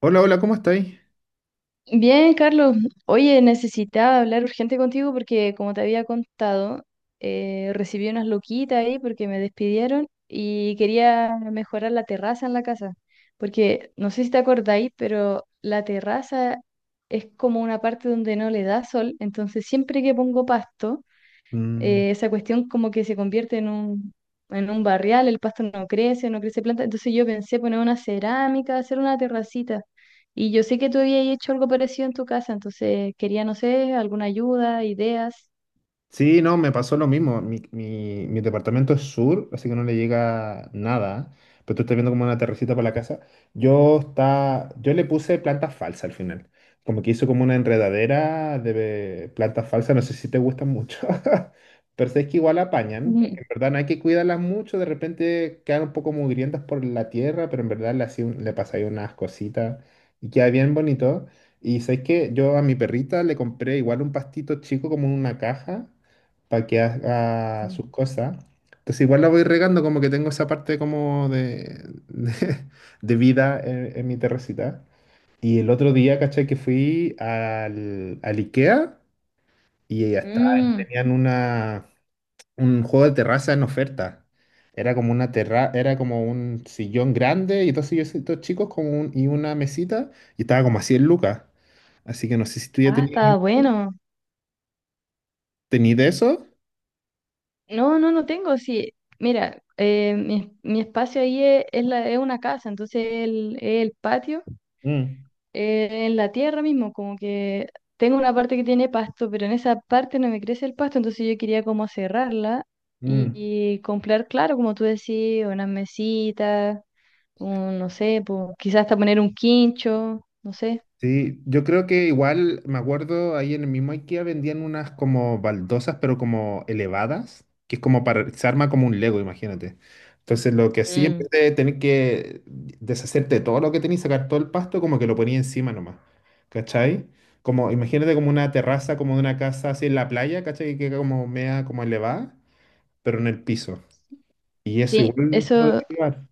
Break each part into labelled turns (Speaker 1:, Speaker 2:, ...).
Speaker 1: Hola, hola, ¿cómo estáis?
Speaker 2: Bien, Carlos. Oye, necesitaba hablar urgente contigo porque, como te había contado, recibí unas loquitas ahí porque me despidieron y quería mejorar la terraza en la casa. Porque no sé si te acordáis, pero la terraza es como una parte donde no le da sol. Entonces, siempre que pongo pasto,
Speaker 1: Mm.
Speaker 2: esa cuestión como que se convierte en un barrial, el pasto no crece, no crece planta. Entonces yo pensé poner una cerámica, hacer una terracita. Y yo sé que tú habías hecho algo parecido en tu casa, entonces quería, no sé, alguna ayuda, ideas.
Speaker 1: Sí, no, me pasó lo mismo. Mi departamento es sur, así que no le llega nada. Pero tú estás viendo como una terracita para la casa. Yo, está, yo le puse plantas falsas al final. Como que hizo como una enredadera de plantas falsas. No sé si te gustan mucho. Pero sé que igual apañan.
Speaker 2: Ujú.
Speaker 1: Porque en verdad no hay que cuidarlas mucho. De repente quedan un poco mugrientas por la tierra. Pero en verdad le, hacía le pasáis unas cositas. Y queda bien bonito. Y sabes que yo a mi perrita le compré igual un pastito chico como en una caja para que haga sus cosas. Entonces igual la voy regando como que tengo esa parte como de, de vida en mi terracita. Y el otro día, ¿cachai? Que fui al IKEA y ya está,
Speaker 2: Mm.
Speaker 1: tenían una, un juego de terraza en oferta. Era como una terra, era como un sillón grande y dos silloncitos chicos como y una mesita y estaba como a 100 lucas. Así que no sé si tú ya
Speaker 2: Ah,
Speaker 1: tenías,
Speaker 2: está bueno.
Speaker 1: ¿tenías de eso?
Speaker 2: No, no, no tengo, sí. Mira, mi espacio ahí es, es una casa, entonces es el patio
Speaker 1: Mm.
Speaker 2: en la tierra mismo, como que tengo una parte que tiene pasto, pero en esa parte no me crece el pasto, entonces yo quería como cerrarla y,
Speaker 1: Mm.
Speaker 2: y comprar, claro, como tú decís, unas mesitas, un, no sé, po, quizás hasta poner un quincho, no sé.
Speaker 1: Sí, yo creo que igual, me acuerdo, ahí en el mismo IKEA vendían unas como baldosas, pero como elevadas, que es como para, se arma como un Lego, imagínate. Entonces lo que hacía, en
Speaker 2: Mm.
Speaker 1: vez de tener que deshacerte de todo lo que tenías, sacar todo el pasto, como que lo ponía encima nomás, ¿cachai? Como, imagínate como una terraza, como de una casa así en la playa, ¿cachai? Que queda como mea, como elevada, pero en el piso. Y eso
Speaker 2: Sí,
Speaker 1: igual
Speaker 2: eso.
Speaker 1: podría llevar.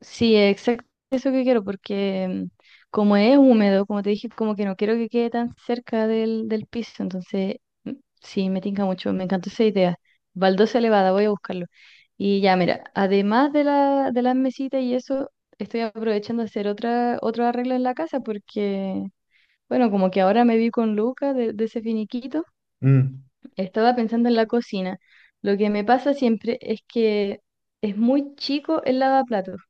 Speaker 2: Sí, exacto eso que quiero, porque como es húmedo, como te dije, como que no quiero que quede tan cerca del piso, entonces mm, sí, me tinca mucho, me encantó esa idea. Baldosa elevada, voy a buscarlo. Y ya, mira, además de la, de las mesitas y eso, estoy aprovechando a hacer otra, otro arreglo en la casa porque, bueno, como que ahora me vi con Luca de ese finiquito,
Speaker 1: Mm.
Speaker 2: estaba pensando en la cocina. Lo que me pasa siempre es que es muy chico el lavaplatos,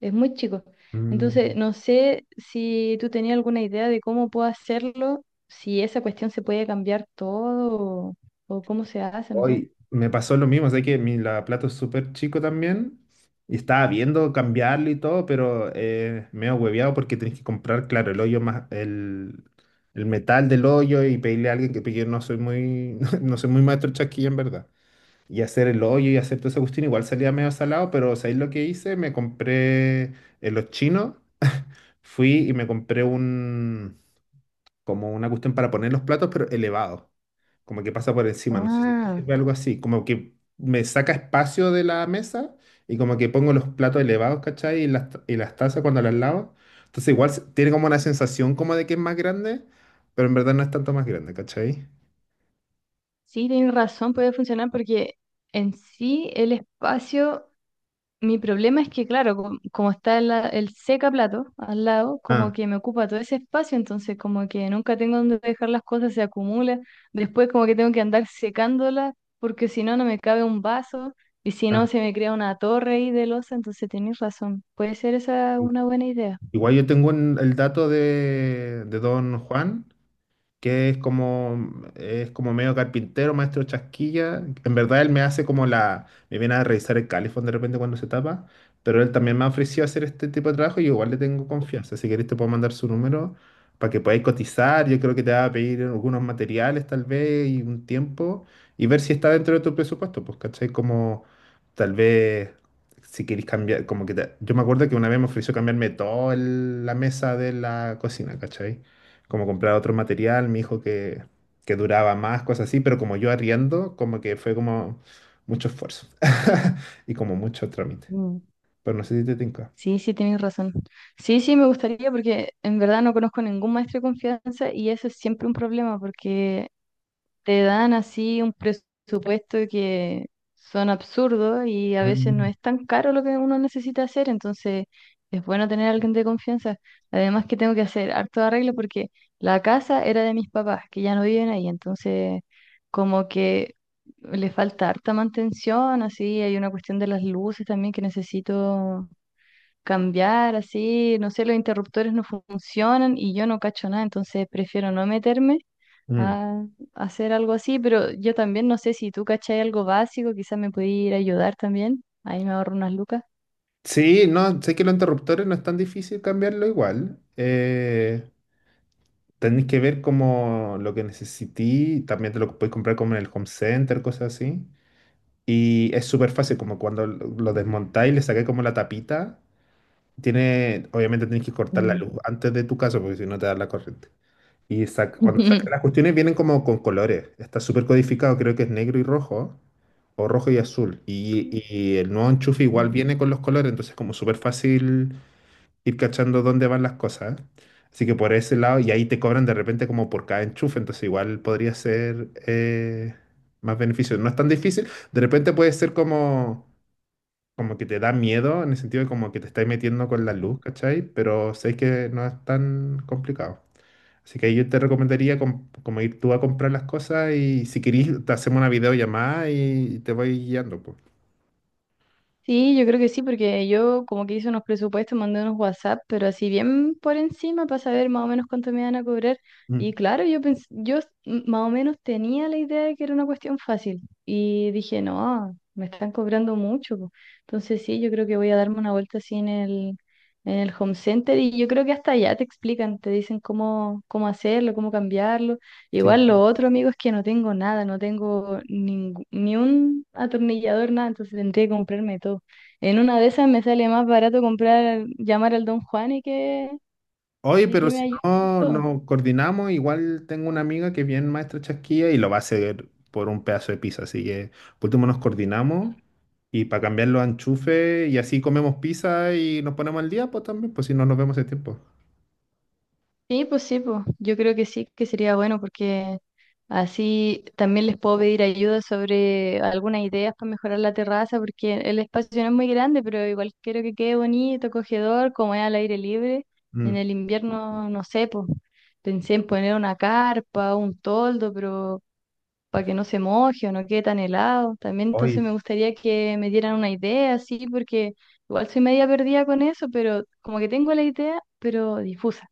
Speaker 2: es muy chico. Entonces,
Speaker 1: Mm.
Speaker 2: no sé si tú tenías alguna idea de cómo puedo hacerlo, si esa cuestión se puede cambiar todo o, o cómo se hace, no sé.
Speaker 1: Hoy me pasó lo mismo, sé que mi lavaplato es súper chico también y estaba viendo cambiarlo y todo, pero me he hueveado porque tenés que comprar, claro, el hoyo más, el metal del hoyo y pedirle a alguien que porque yo no soy muy, no soy muy maestro chasquilla en verdad. Y hacer el hoyo y hacer todo esa cuestión, igual salía medio salado, pero ¿sabéis lo que hice? Me compré en los chinos, fui y me compré un, como una cuestión para poner los platos, pero elevado como que pasa por encima, no sé si te
Speaker 2: Ah,
Speaker 1: sirve algo así, como que me saca espacio de la mesa y como que pongo los platos elevados, ¿cachai? Y las, y las tazas cuando las lavo. Entonces igual tiene como una sensación como de que es más grande, pero en verdad no es tanto más grande, ¿cachai?
Speaker 2: sí, tienes razón, puede funcionar porque en sí el espacio, mi problema es que, claro, como está el plato al lado, como
Speaker 1: Ah.
Speaker 2: que me ocupa todo ese espacio, entonces como que nunca tengo donde dejar las cosas, se acumula. Después como que tengo que andar secándolas, porque si no, no me cabe un vaso, y si no,
Speaker 1: Ah.
Speaker 2: se me crea una torre ahí de losa, entonces tenés razón. Puede ser esa una buena idea.
Speaker 1: Igual yo tengo el dato de don Juan, que es como medio carpintero, maestro chasquilla. En verdad él me hace como la, me viene a revisar el calefón de repente cuando se tapa, pero él también me ha ofrecido hacer este tipo de trabajo y yo igual le tengo confianza. Si querés te puedo mandar su número para que podáis cotizar. Yo creo que te va a pedir algunos materiales tal vez y un tiempo y ver si está dentro de tu presupuesto, pues, ¿cachai? Como tal vez... Si queréis cambiar, como que yo me acuerdo que una vez me ofreció cambiarme toda la mesa de la cocina, ¿cachai? Como comprar otro material, me dijo que duraba más, cosas así, pero como yo arriendo, como que fue como mucho esfuerzo y como mucho trámite.
Speaker 2: Mm.
Speaker 1: Pero no sé si te tinca.
Speaker 2: Sí, sí, tienes razón. Sí, sí, me gustaría porque en verdad no conozco ningún maestro de confianza y eso es siempre un problema porque te dan así un presupuesto que son absurdos y a veces no
Speaker 1: Mm.
Speaker 2: es tan caro lo que uno necesita hacer, entonces es bueno tener a alguien de confianza. Además que tengo que hacer harto arreglo porque la casa era de mis papás, que ya no viven ahí, entonces como que le falta harta mantención, así hay una cuestión de las luces también que necesito cambiar, así, no sé, los interruptores no funcionan y yo no cacho nada, entonces prefiero no meterme
Speaker 1: Mm.
Speaker 2: a hacer algo así, pero yo también no sé si tú cachai algo básico, quizás me puede ir a ayudar también. Ahí me ahorro unas lucas.
Speaker 1: Sí, no, sé que los interruptores no es tan difícil cambiarlo igual. Tenéis que ver como lo que necesití, también te lo podéis comprar como en el home center, cosas así. Y es súper fácil, como cuando lo desmontáis, le sacáis como la tapita. Tiene, obviamente tienes que cortar la
Speaker 2: Mm.
Speaker 1: luz antes de tu casa porque si no te da la corriente. Y cuando sacas las cuestiones vienen como con colores. Está súper codificado, creo que es negro y rojo, o rojo y azul. Y el nuevo enchufe igual viene con los colores, entonces es como súper fácil ir cachando dónde van las cosas. Así que por ese lado, y ahí te cobran de repente como por cada enchufe, entonces igual podría ser más beneficio. No es tan difícil, de repente puede ser como como que te da miedo, en el sentido de como que te estáis metiendo con la luz, ¿cachai? Pero sé que no es tan complicado. Así que ahí yo te recomendaría como ir tú a comprar las cosas y si querís te hacemos una videollamada y te voy guiando, pues.
Speaker 2: Sí, yo creo que sí, porque yo como que hice unos presupuestos, mandé unos WhatsApp, pero así bien por encima para saber más o menos cuánto me iban a cobrar. Y
Speaker 1: Mm.
Speaker 2: claro, yo pens- yo s- m- más o menos tenía la idea de que era una cuestión fácil. Y dije, no, me están cobrando mucho, po". Entonces sí, yo creo que voy a darme una vuelta así en el home center y yo creo que hasta allá te explican, te dicen cómo, cómo hacerlo, cómo cambiarlo.
Speaker 1: Sí.
Speaker 2: Igual lo otro, amigo, es que no tengo nada, ni un atornillador, nada, entonces tendría que comprarme todo. En una de esas me sale más barato comprar, llamar al Don Juan
Speaker 1: Oye,
Speaker 2: y que
Speaker 1: pero
Speaker 2: me
Speaker 1: si
Speaker 2: ayude con
Speaker 1: no
Speaker 2: todo.
Speaker 1: nos coordinamos, igual tengo una amiga que es bien maestra chasquilla y lo va a hacer por un pedazo de pizza. Así que por último nos coordinamos y para cambiar los enchufes y así comemos pizza y nos ponemos al día, pues también, pues si no nos vemos ese tiempo.
Speaker 2: Sí, pues yo creo que sí, que sería bueno porque así también les puedo pedir ayuda sobre algunas ideas para mejorar la terraza, porque el espacio no es muy grande, pero igual quiero que quede bonito, acogedor, como es al aire libre. En
Speaker 1: Mm.
Speaker 2: el invierno, no sé, pues pensé en poner una carpa, un toldo, pero para que no se moje o no quede tan helado. También
Speaker 1: Hoy,
Speaker 2: entonces me gustaría que me dieran una idea, sí, porque igual soy media perdida con eso, pero como que tengo la idea, pero difusa.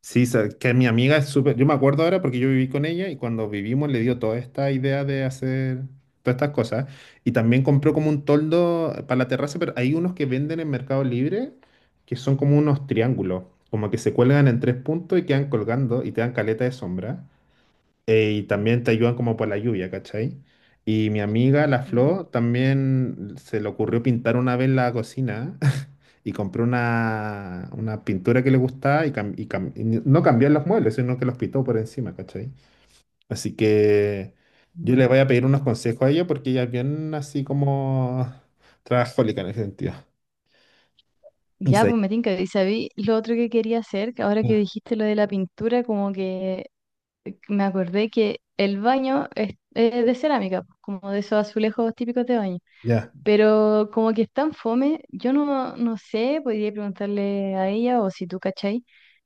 Speaker 1: sí, que mi amiga es súper, yo me acuerdo ahora porque yo viví con ella y cuando vivimos le dio toda esta idea de hacer todas estas cosas y también compró como un toldo para la terraza, pero hay unos que venden en Mercado Libre que son como unos triángulos, como que se cuelgan en tres puntos y quedan colgando y te dan caleta de sombra y también te ayudan como por la lluvia, ¿cachai? Y mi amiga, la Flo, también se le ocurrió pintar una vez la cocina y compró una pintura que le gustaba y no cambió los muebles, sino que los pintó por encima, ¿cachai? Así que yo le voy a pedir unos consejos a ella porque ella es bien así como trabajólica en ese sentido. Y
Speaker 2: Ya,
Speaker 1: se-
Speaker 2: pues me tinca. Y sabí lo otro que quería hacer, que ahora que dijiste lo de la pintura, como que me acordé que el baño es de cerámica, pues, como de esos azulejos típicos de baño,
Speaker 1: Ya.
Speaker 2: pero como que es tan fome, yo no, no sé, podría preguntarle a ella o si tú cachai,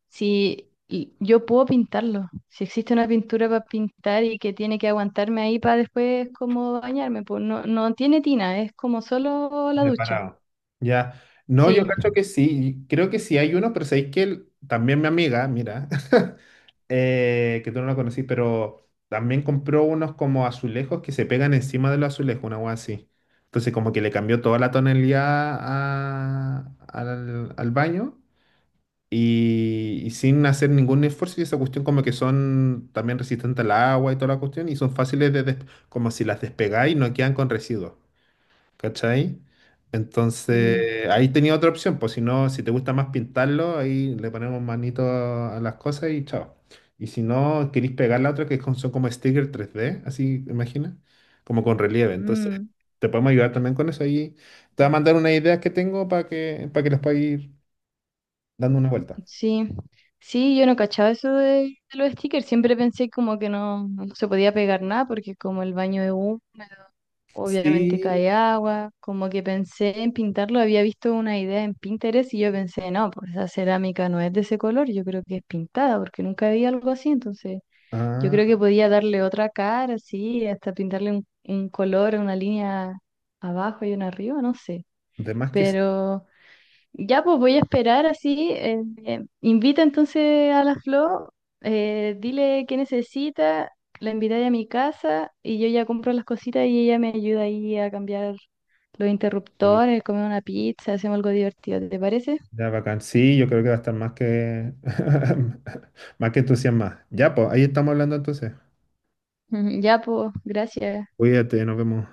Speaker 2: si y- yo puedo pintarlo, si existe una pintura para pintar y que tiene que aguantarme ahí para después como bañarme, pues no, no tiene tina, es como solo la ducha,
Speaker 1: Separado. Ya. No, yo
Speaker 2: sí.
Speaker 1: cacho que sí. Creo que sí hay uno, pero sabéis que también mi amiga, mira, que tú no la conocí, pero también compró unos como azulejos que se pegan encima de los azulejos, una hueá así. Entonces, como que le cambió toda la tonalidad al, al baño y sin hacer ningún esfuerzo. Y esa cuestión, como que son también resistentes al agua y toda la cuestión, y son fáciles de, como si las despegáis, no quedan con residuos. ¿Cachai?
Speaker 2: Mm,
Speaker 1: Entonces, ahí tenía otra opción, pues si no, si te gusta más pintarlo, ahí le ponemos manito a las cosas y chao. Y si no, queréis pegar la otra, que son como stickers tres d así, imagina, como con relieve. Entonces,
Speaker 2: mm.
Speaker 1: te podemos ayudar también con eso. Ahí te voy a mandar unas ideas que tengo para que les pueda ir dando una vuelta.
Speaker 2: Sí, sí, yo no cachaba eso de los stickers, siempre pensé como que no, no se podía pegar nada porque como el baño es húmedo, obviamente
Speaker 1: Sí,
Speaker 2: cae agua, como que pensé en pintarlo, había visto una idea en Pinterest y yo pensé, no, pues esa cerámica no es de ese color, yo creo que es pintada porque nunca vi algo así, entonces yo
Speaker 1: ah,
Speaker 2: creo que podía darle otra cara, sí, hasta pintarle un color, una línea abajo y una arriba, no sé,
Speaker 1: de más que sí.
Speaker 2: pero... Ya, pues voy a esperar así. Invita entonces a la Flo, dile qué necesita, la invitaré a mi casa y yo ya compro las cositas y ella me ayuda ahí a cambiar los interruptores, comer una pizza, hacemos algo divertido, ¿te parece?
Speaker 1: Ya, bacán. Sí, yo creo que va a estar más que, más que entusiasmada. Ya, pues, ahí estamos hablando entonces.
Speaker 2: Ujú. Ya, pues, gracias.
Speaker 1: Cuídate, nos vemos.